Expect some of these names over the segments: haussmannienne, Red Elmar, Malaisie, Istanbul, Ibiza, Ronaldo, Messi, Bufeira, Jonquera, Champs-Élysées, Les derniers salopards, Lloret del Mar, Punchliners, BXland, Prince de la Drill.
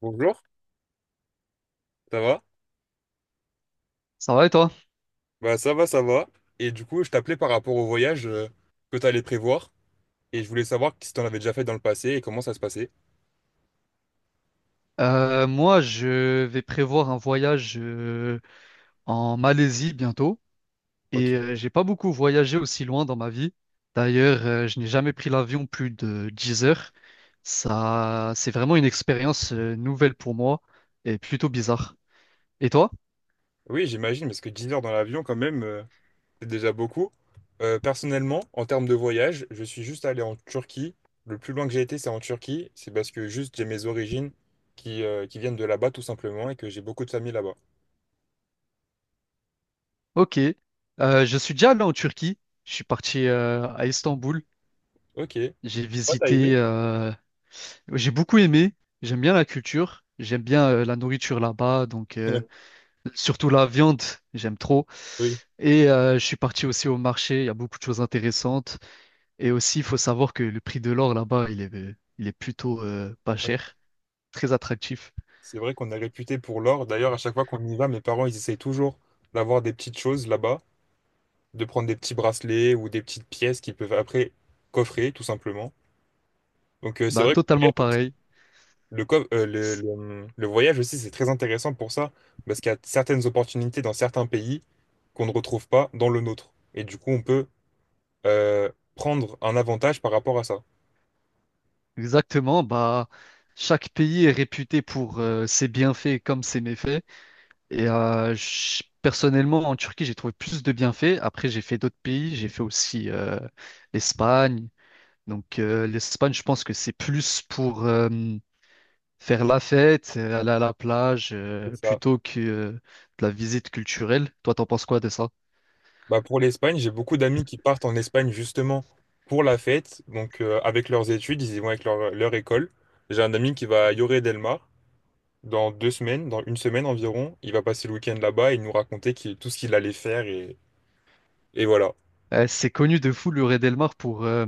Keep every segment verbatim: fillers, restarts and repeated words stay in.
Bonjour, ça va? Ça va et toi? Bah ça va, ça va. Et du coup, je t'appelais par rapport au voyage euh, que tu allais prévoir. Et je voulais savoir si t'en avais déjà fait dans le passé et comment ça se passait. Euh, moi, je vais prévoir un voyage euh, en Malaisie bientôt Ok. et euh, j'ai pas beaucoup voyagé aussi loin dans ma vie. D'ailleurs, euh, je n'ai jamais pris l'avion plus de dix heures. Ça, c'est vraiment une expérience euh, nouvelle pour moi et plutôt bizarre. Et toi? Oui, j'imagine, parce que dix heures dans l'avion, quand même, euh, c'est déjà beaucoup. Euh, personnellement, en termes de voyage, je suis juste allé en Turquie. Le plus loin que j'ai été, c'est en Turquie. C'est parce que juste j'ai mes origines qui, euh, qui viennent de là-bas, tout simplement, et que j'ai beaucoup de famille là-bas. Ok. Euh, je suis déjà allé en Turquie. Je suis parti euh, à Istanbul. Ok. Ouais, J'ai t'as visité aimé? euh, j'ai beaucoup aimé, j'aime bien la culture, j'aime bien euh, la nourriture là-bas, donc euh, Ouais. surtout la viande, j'aime trop. Oui. Et euh, je suis parti aussi au marché, il y a beaucoup de choses intéressantes. Et aussi, il faut savoir que le prix de l'or là-bas, il est, il est plutôt euh, pas cher, très attractif. C'est vrai qu'on est réputé pour l'or. D'ailleurs, à chaque fois qu'on y va, mes parents, ils essayent toujours d'avoir des petites choses là-bas, de prendre des petits bracelets ou des petites pièces qu'ils peuvent après coffrer, tout simplement. Donc, euh, c'est Bah, vrai que totalement pareil. le, co- euh, le, le- le voyage aussi, c'est très intéressant pour ça, parce qu'il y a certaines opportunités dans certains pays qu'on ne retrouve pas dans le nôtre. Et du coup, on peut euh, prendre un avantage par rapport à ça. Exactement, bah, chaque pays est réputé pour euh, ses bienfaits comme ses méfaits. Et euh, je- personnellement, en Turquie, j'ai trouvé plus de bienfaits. Après, j'ai fait d'autres pays, j'ai fait aussi euh, l'Espagne. Donc, euh, l'Espagne, je pense que c'est plus pour... euh, faire la fête, euh, aller à la plage, euh, plutôt que euh, de la visite culturelle. Toi, t'en penses quoi de ça? Bah pour l'Espagne, j'ai beaucoup d'amis qui partent en Espagne justement pour la fête. Donc euh, avec leurs études, ils y vont avec leur, leur école. J'ai un ami qui va à Lloret del Mar dans deux semaines, dans une semaine environ. Il va passer le week-end là-bas et nous raconter qu'il- tout ce qu'il allait faire et, et voilà. Euh, c'est connu de fou le Red Elmar pour euh,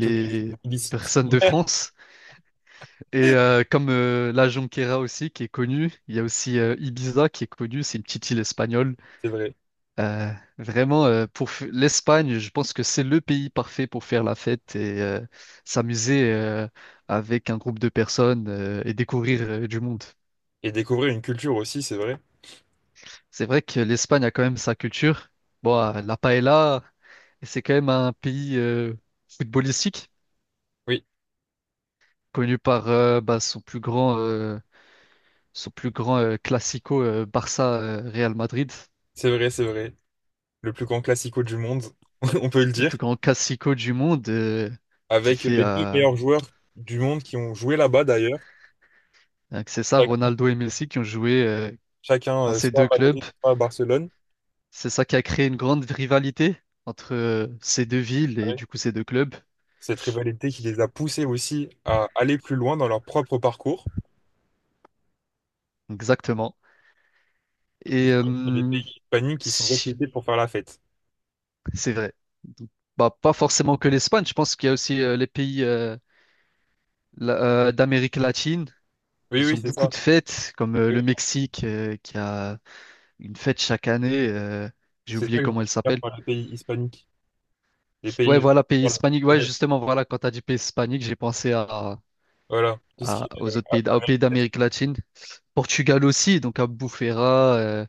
Tout le illicite, personnes de France. Et euh, comme euh, la Jonquera aussi, qui est connue, il y a aussi euh, Ibiza qui est connue, c'est une petite île espagnole. c'est vrai. Euh, vraiment, euh, pour f- l'Espagne, je pense que c'est le pays parfait pour faire la fête et euh, s'amuser euh, avec un groupe de personnes euh, et découvrir euh, du monde. Et découvrir une culture aussi, c'est vrai. C'est vrai que l'Espagne a quand même sa culture. Bon, euh, la paella, c'est quand même un pays euh, footballistique, Oui, connu par euh, bah, son plus grand, euh, son plus grand euh, classico euh, Barça-Real Madrid, c'est vrai, c'est vrai. Le plus grand classico du monde, on peut le le dire. plus grand classico du monde, euh, qui Avec fait les deux euh, meilleurs joueurs du monde qui ont joué là-bas d'ailleurs. euh, que c'est ça, Chac- Ronaldo et Messi qui ont joué euh, Chacun, dans euh, ces soit deux à clubs. Madrid, soit à Barcelone. C'est ça qui a créé une grande rivalité entre euh, ces deux villes et du coup ces deux clubs. Cette rivalité qui les a poussés aussi à aller plus loin dans leur propre parcours. Exactement. Mais Et c'est euh, vrai qu'il y a des pays hispaniques qui sont si réputés pour faire la fête. C'est vrai. Donc, bah, pas forcément que l'Espagne, je pense qu'il y a aussi euh, les pays euh, la- euh, d'Amérique latine. Oui, Ils oui, ont c'est beaucoup ça. de fêtes, comme euh, Oui, le oui. Mexique euh, qui a une fête chaque année. Euh, j'ai C'est ça oublié que je veux comment elle dire s'appelle. par les pays hispaniques. Les Ouais, pays. voilà, pays hispanique. Ouais, justement, voilà, quand tu as dit pays hispanique, j'ai pensé à, Voilà. Tout ce qui à- est, euh, aux autres pays, d- aux pays Amérique. d'Amérique latine. Portugal aussi, donc à Bufeira, euh,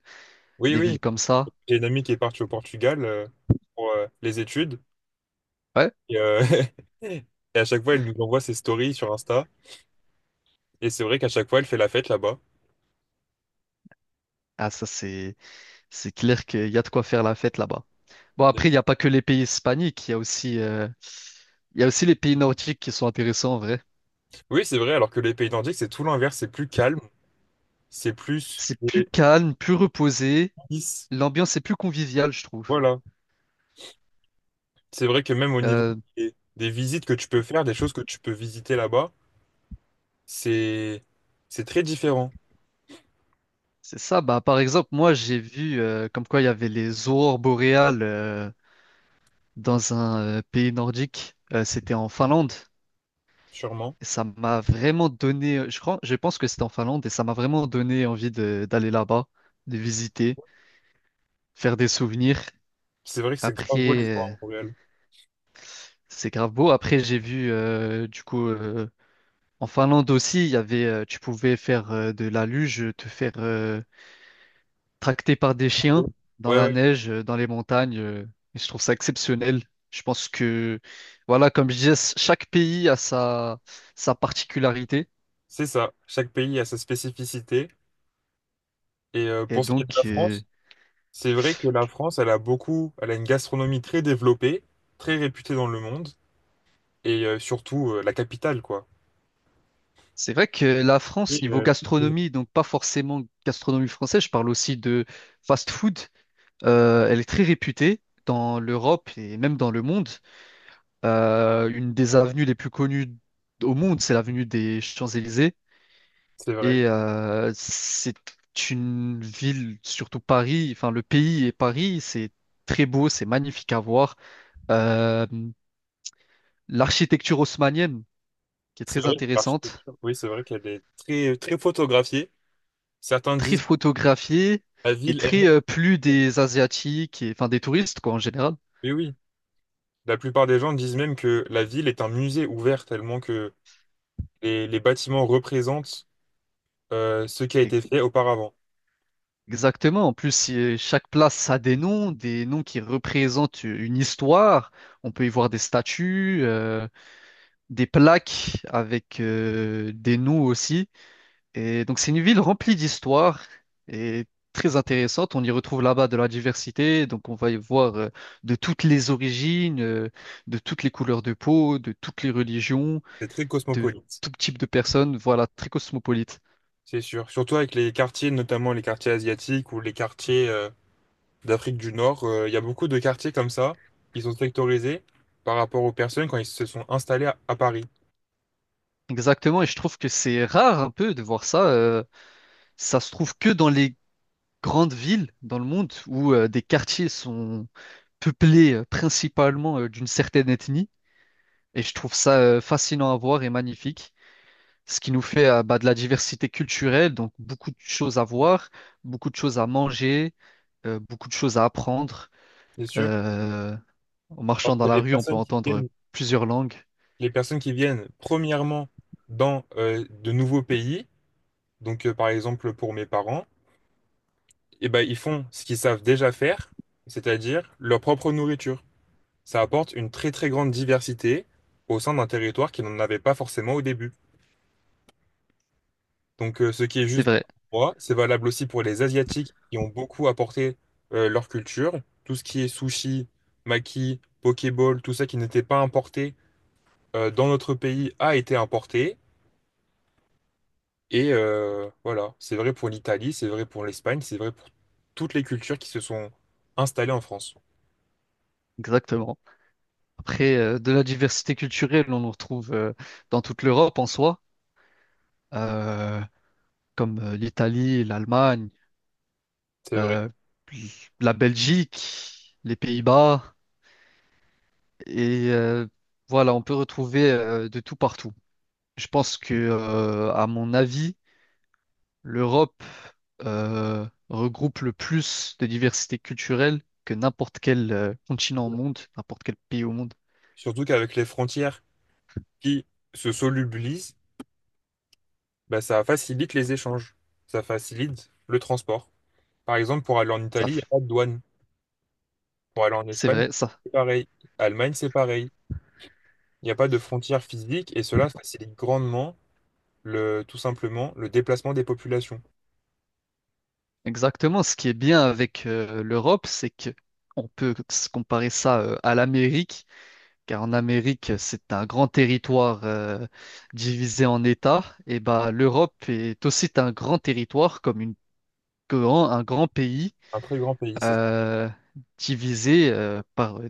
Oui, des villes oui. comme ça. J'ai une amie qui est partie au Portugal euh, pour euh, les études. Ouais, Et, euh, et à chaque fois, elle nous envoie ses stories sur Insta. Et c'est vrai qu'à chaque fois, elle fait la fête là-bas. ah, ça, c'est, c'est clair qu'il y a de quoi faire la fête là-bas. Bon, après, il n'y a pas que les pays hispaniques, il y a aussi, euh, il y a aussi les pays nordiques qui sont intéressants en vrai. Oui, c'est vrai, alors que les pays nordiques, c'est tout l'inverse, c'est plus calme, c'est plus C'est plus calme, plus reposé, lisse. l'ambiance est plus conviviale, je trouve. Voilà. C'est vrai que même au niveau Euh, des, des visites que tu peux faire, des choses que tu peux visiter là-bas, c'est c'est très différent, c'est ça, bah, par exemple, moi j'ai vu euh, comme quoi il y avait les aurores boréales euh, dans un euh, pays nordique. Euh, c'était en Finlande, sûrement. et ça m'a vraiment donné, je crois, je pense que c'était en Finlande, et ça m'a vraiment donné envie de- d'aller là-bas, de visiter, faire des souvenirs. C'est vrai que c'est Après. grave beau les voir Euh, en réel. C'est grave beau. Après, j'ai vu, euh, du coup, euh, en Finlande aussi, il y avait, euh, tu pouvais faire euh, de la luge, te faire euh, tracter par des chiens dans Ouais, la ouais, neige, euh, dans les montagnes. Euh, et je trouve ça exceptionnel. Je pense que, voilà, comme je disais, c- chaque pays a sa, sa particularité. c'est ça. Chaque pays a sa spécificité. Et euh, Et pour ce qui est de donc, la euh, France, c'est vrai que la France, elle a beaucoup, elle a une gastronomie très développée, très réputée dans le monde, et euh, surtout euh, la capitale, quoi. c'est vrai que la Et, France, niveau euh, gastronomie, donc pas forcément gastronomie française, je parle aussi de fast-food, euh, elle est très réputée dans l'Europe et même dans le monde. Euh, une des avenues les plus connues au monde, c'est l'avenue des Champs-Élysées. c'est vrai. Et euh, c'est une ville, surtout Paris, enfin le pays et Paris, c'est très beau, c'est magnifique à voir. Euh, L'architecture haussmannienne, qui est C'est très vrai que intéressante, l'architecture, oui, c'est vrai qu'elle est très, très photographiée. Certains très disent photographiée la et ville très elle-même. euh, plus des Asiatiques, et, enfin des touristes quoi en général. Mais oui, la plupart des gens disent même que la ville est un musée ouvert tellement que les, les bâtiments représentent euh, ce qui a été fait auparavant. Exactement. En plus, si, euh, chaque place a des noms, des noms qui représentent une histoire. On peut y voir des statues. Euh, des plaques avec euh, des nous aussi. Et donc c'est une ville remplie d'histoire et très intéressante. On y retrouve là-bas de la diversité. Donc on va y voir euh, de toutes les origines, euh, de toutes les couleurs de peau, de toutes les religions, C'est très de cosmopolite, tout type de personnes. Voilà, très cosmopolite. c'est sûr. Surtout avec les quartiers, notamment les quartiers asiatiques ou les quartiers euh, d'Afrique du Nord, euh, il y a beaucoup de quartiers comme ça qui sont sectorisés par rapport aux personnes quand ils se sont installés à, à Paris, Exactement. Et je trouve que c'est rare un peu de voir ça. Euh, ça se trouve que dans les grandes villes dans le monde où euh, des quartiers sont peuplés euh, principalement euh, d'une certaine ethnie. Et je trouve ça euh, fascinant à voir et magnifique, ce qui nous fait euh, bah, de la diversité culturelle, donc beaucoup de choses à voir, beaucoup de choses à manger, euh, beaucoup de choses à apprendre. c'est sûr. Euh, En Parce marchant dans que la les rue, on peut personnes qui entendre viennent, plusieurs langues. les personnes qui viennent premièrement dans euh, de nouveaux pays, donc euh, par exemple pour mes parents, et ben, ils font ce qu'ils savent déjà faire, c'est-à-dire leur propre nourriture. Ça apporte une très très grande diversité au sein d'un territoire qui n'en avait pas forcément au début. Donc euh, ce qui est C'est juste vrai, pour moi, c'est valable aussi pour les Asiatiques qui ont beaucoup apporté euh, leur culture. Tout ce qui est sushi, maki, pokéball, tout ça qui n'était pas importé euh, dans notre pays a été importé. Et euh, voilà, c'est vrai pour l'Italie, c'est vrai pour l'Espagne, c'est vrai pour toutes les cultures qui se sont installées en France. exactement. Après, euh, de la diversité culturelle, on en retrouve euh, dans toute l'Europe en soi, euh, comme euh, l'Italie, l'Allemagne, C'est vrai. euh, la Belgique, les Pays-Bas. Et euh, voilà, on peut retrouver euh, de tout partout. Je pense que, euh, à mon avis, l'Europe euh, regroupe le plus de diversité culturelle que n'importe quel euh, continent au monde, n'importe quel pays au monde. Surtout qu'avec les frontières qui se solubilisent, bah, ça facilite les échanges, ça facilite le transport. Par exemple, pour aller en Ça, Italie, il n'y a f- pas de douane. Pour aller en c'est Espagne, vrai, ça. c'est pareil. Allemagne, c'est pareil. Il n'y a pas de frontières physiques et cela facilite grandement le, tout simplement le déplacement des populations. Exactement. Ce qui est bien avec euh, l'Europe, c'est que on peut se comparer ça euh, à l'Amérique, car en Amérique, c'est un grand territoire euh, divisé en États. Et bah, l'Europe est aussi un grand territoire comme une grand, un grand pays Un très grand pays. C'est euh, divisé euh, par euh,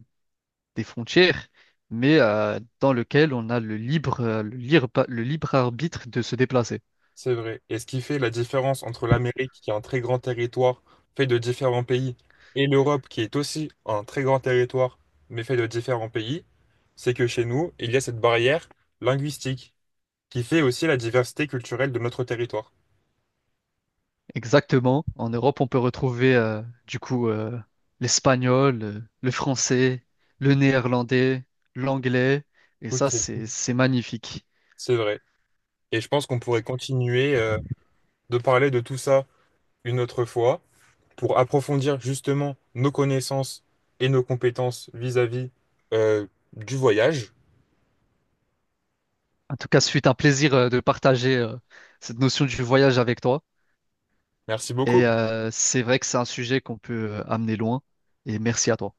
des frontières, mais euh, dans lequel on a le libre, euh, le libre, le libre arbitre de se déplacer. C'est vrai. Et ce qui fait la différence entre l'Amérique, qui est un très grand territoire fait de différents pays, et l'Europe, qui est aussi un très grand territoire, mais fait de différents pays, c'est que chez nous, il y a cette barrière linguistique qui fait aussi la diversité culturelle de notre territoire. Exactement. En Europe, on peut retrouver euh, du coup euh, l'espagnol, euh, le français, le néerlandais, l'anglais, et Toutes ça, ces- c'est c'est magnifique. C'est vrai. Et je pense qu'on pourrait continuer euh, de parler de tout ça une autre fois pour approfondir justement nos connaissances et nos compétences vis-à-vis euh, du voyage. En tout cas, ce fut un plaisir euh, de partager euh, cette notion du voyage avec toi. Merci beaucoup. Et euh, c'est vrai que c'est un sujet qu'on peut euh, amener loin. Et merci à toi.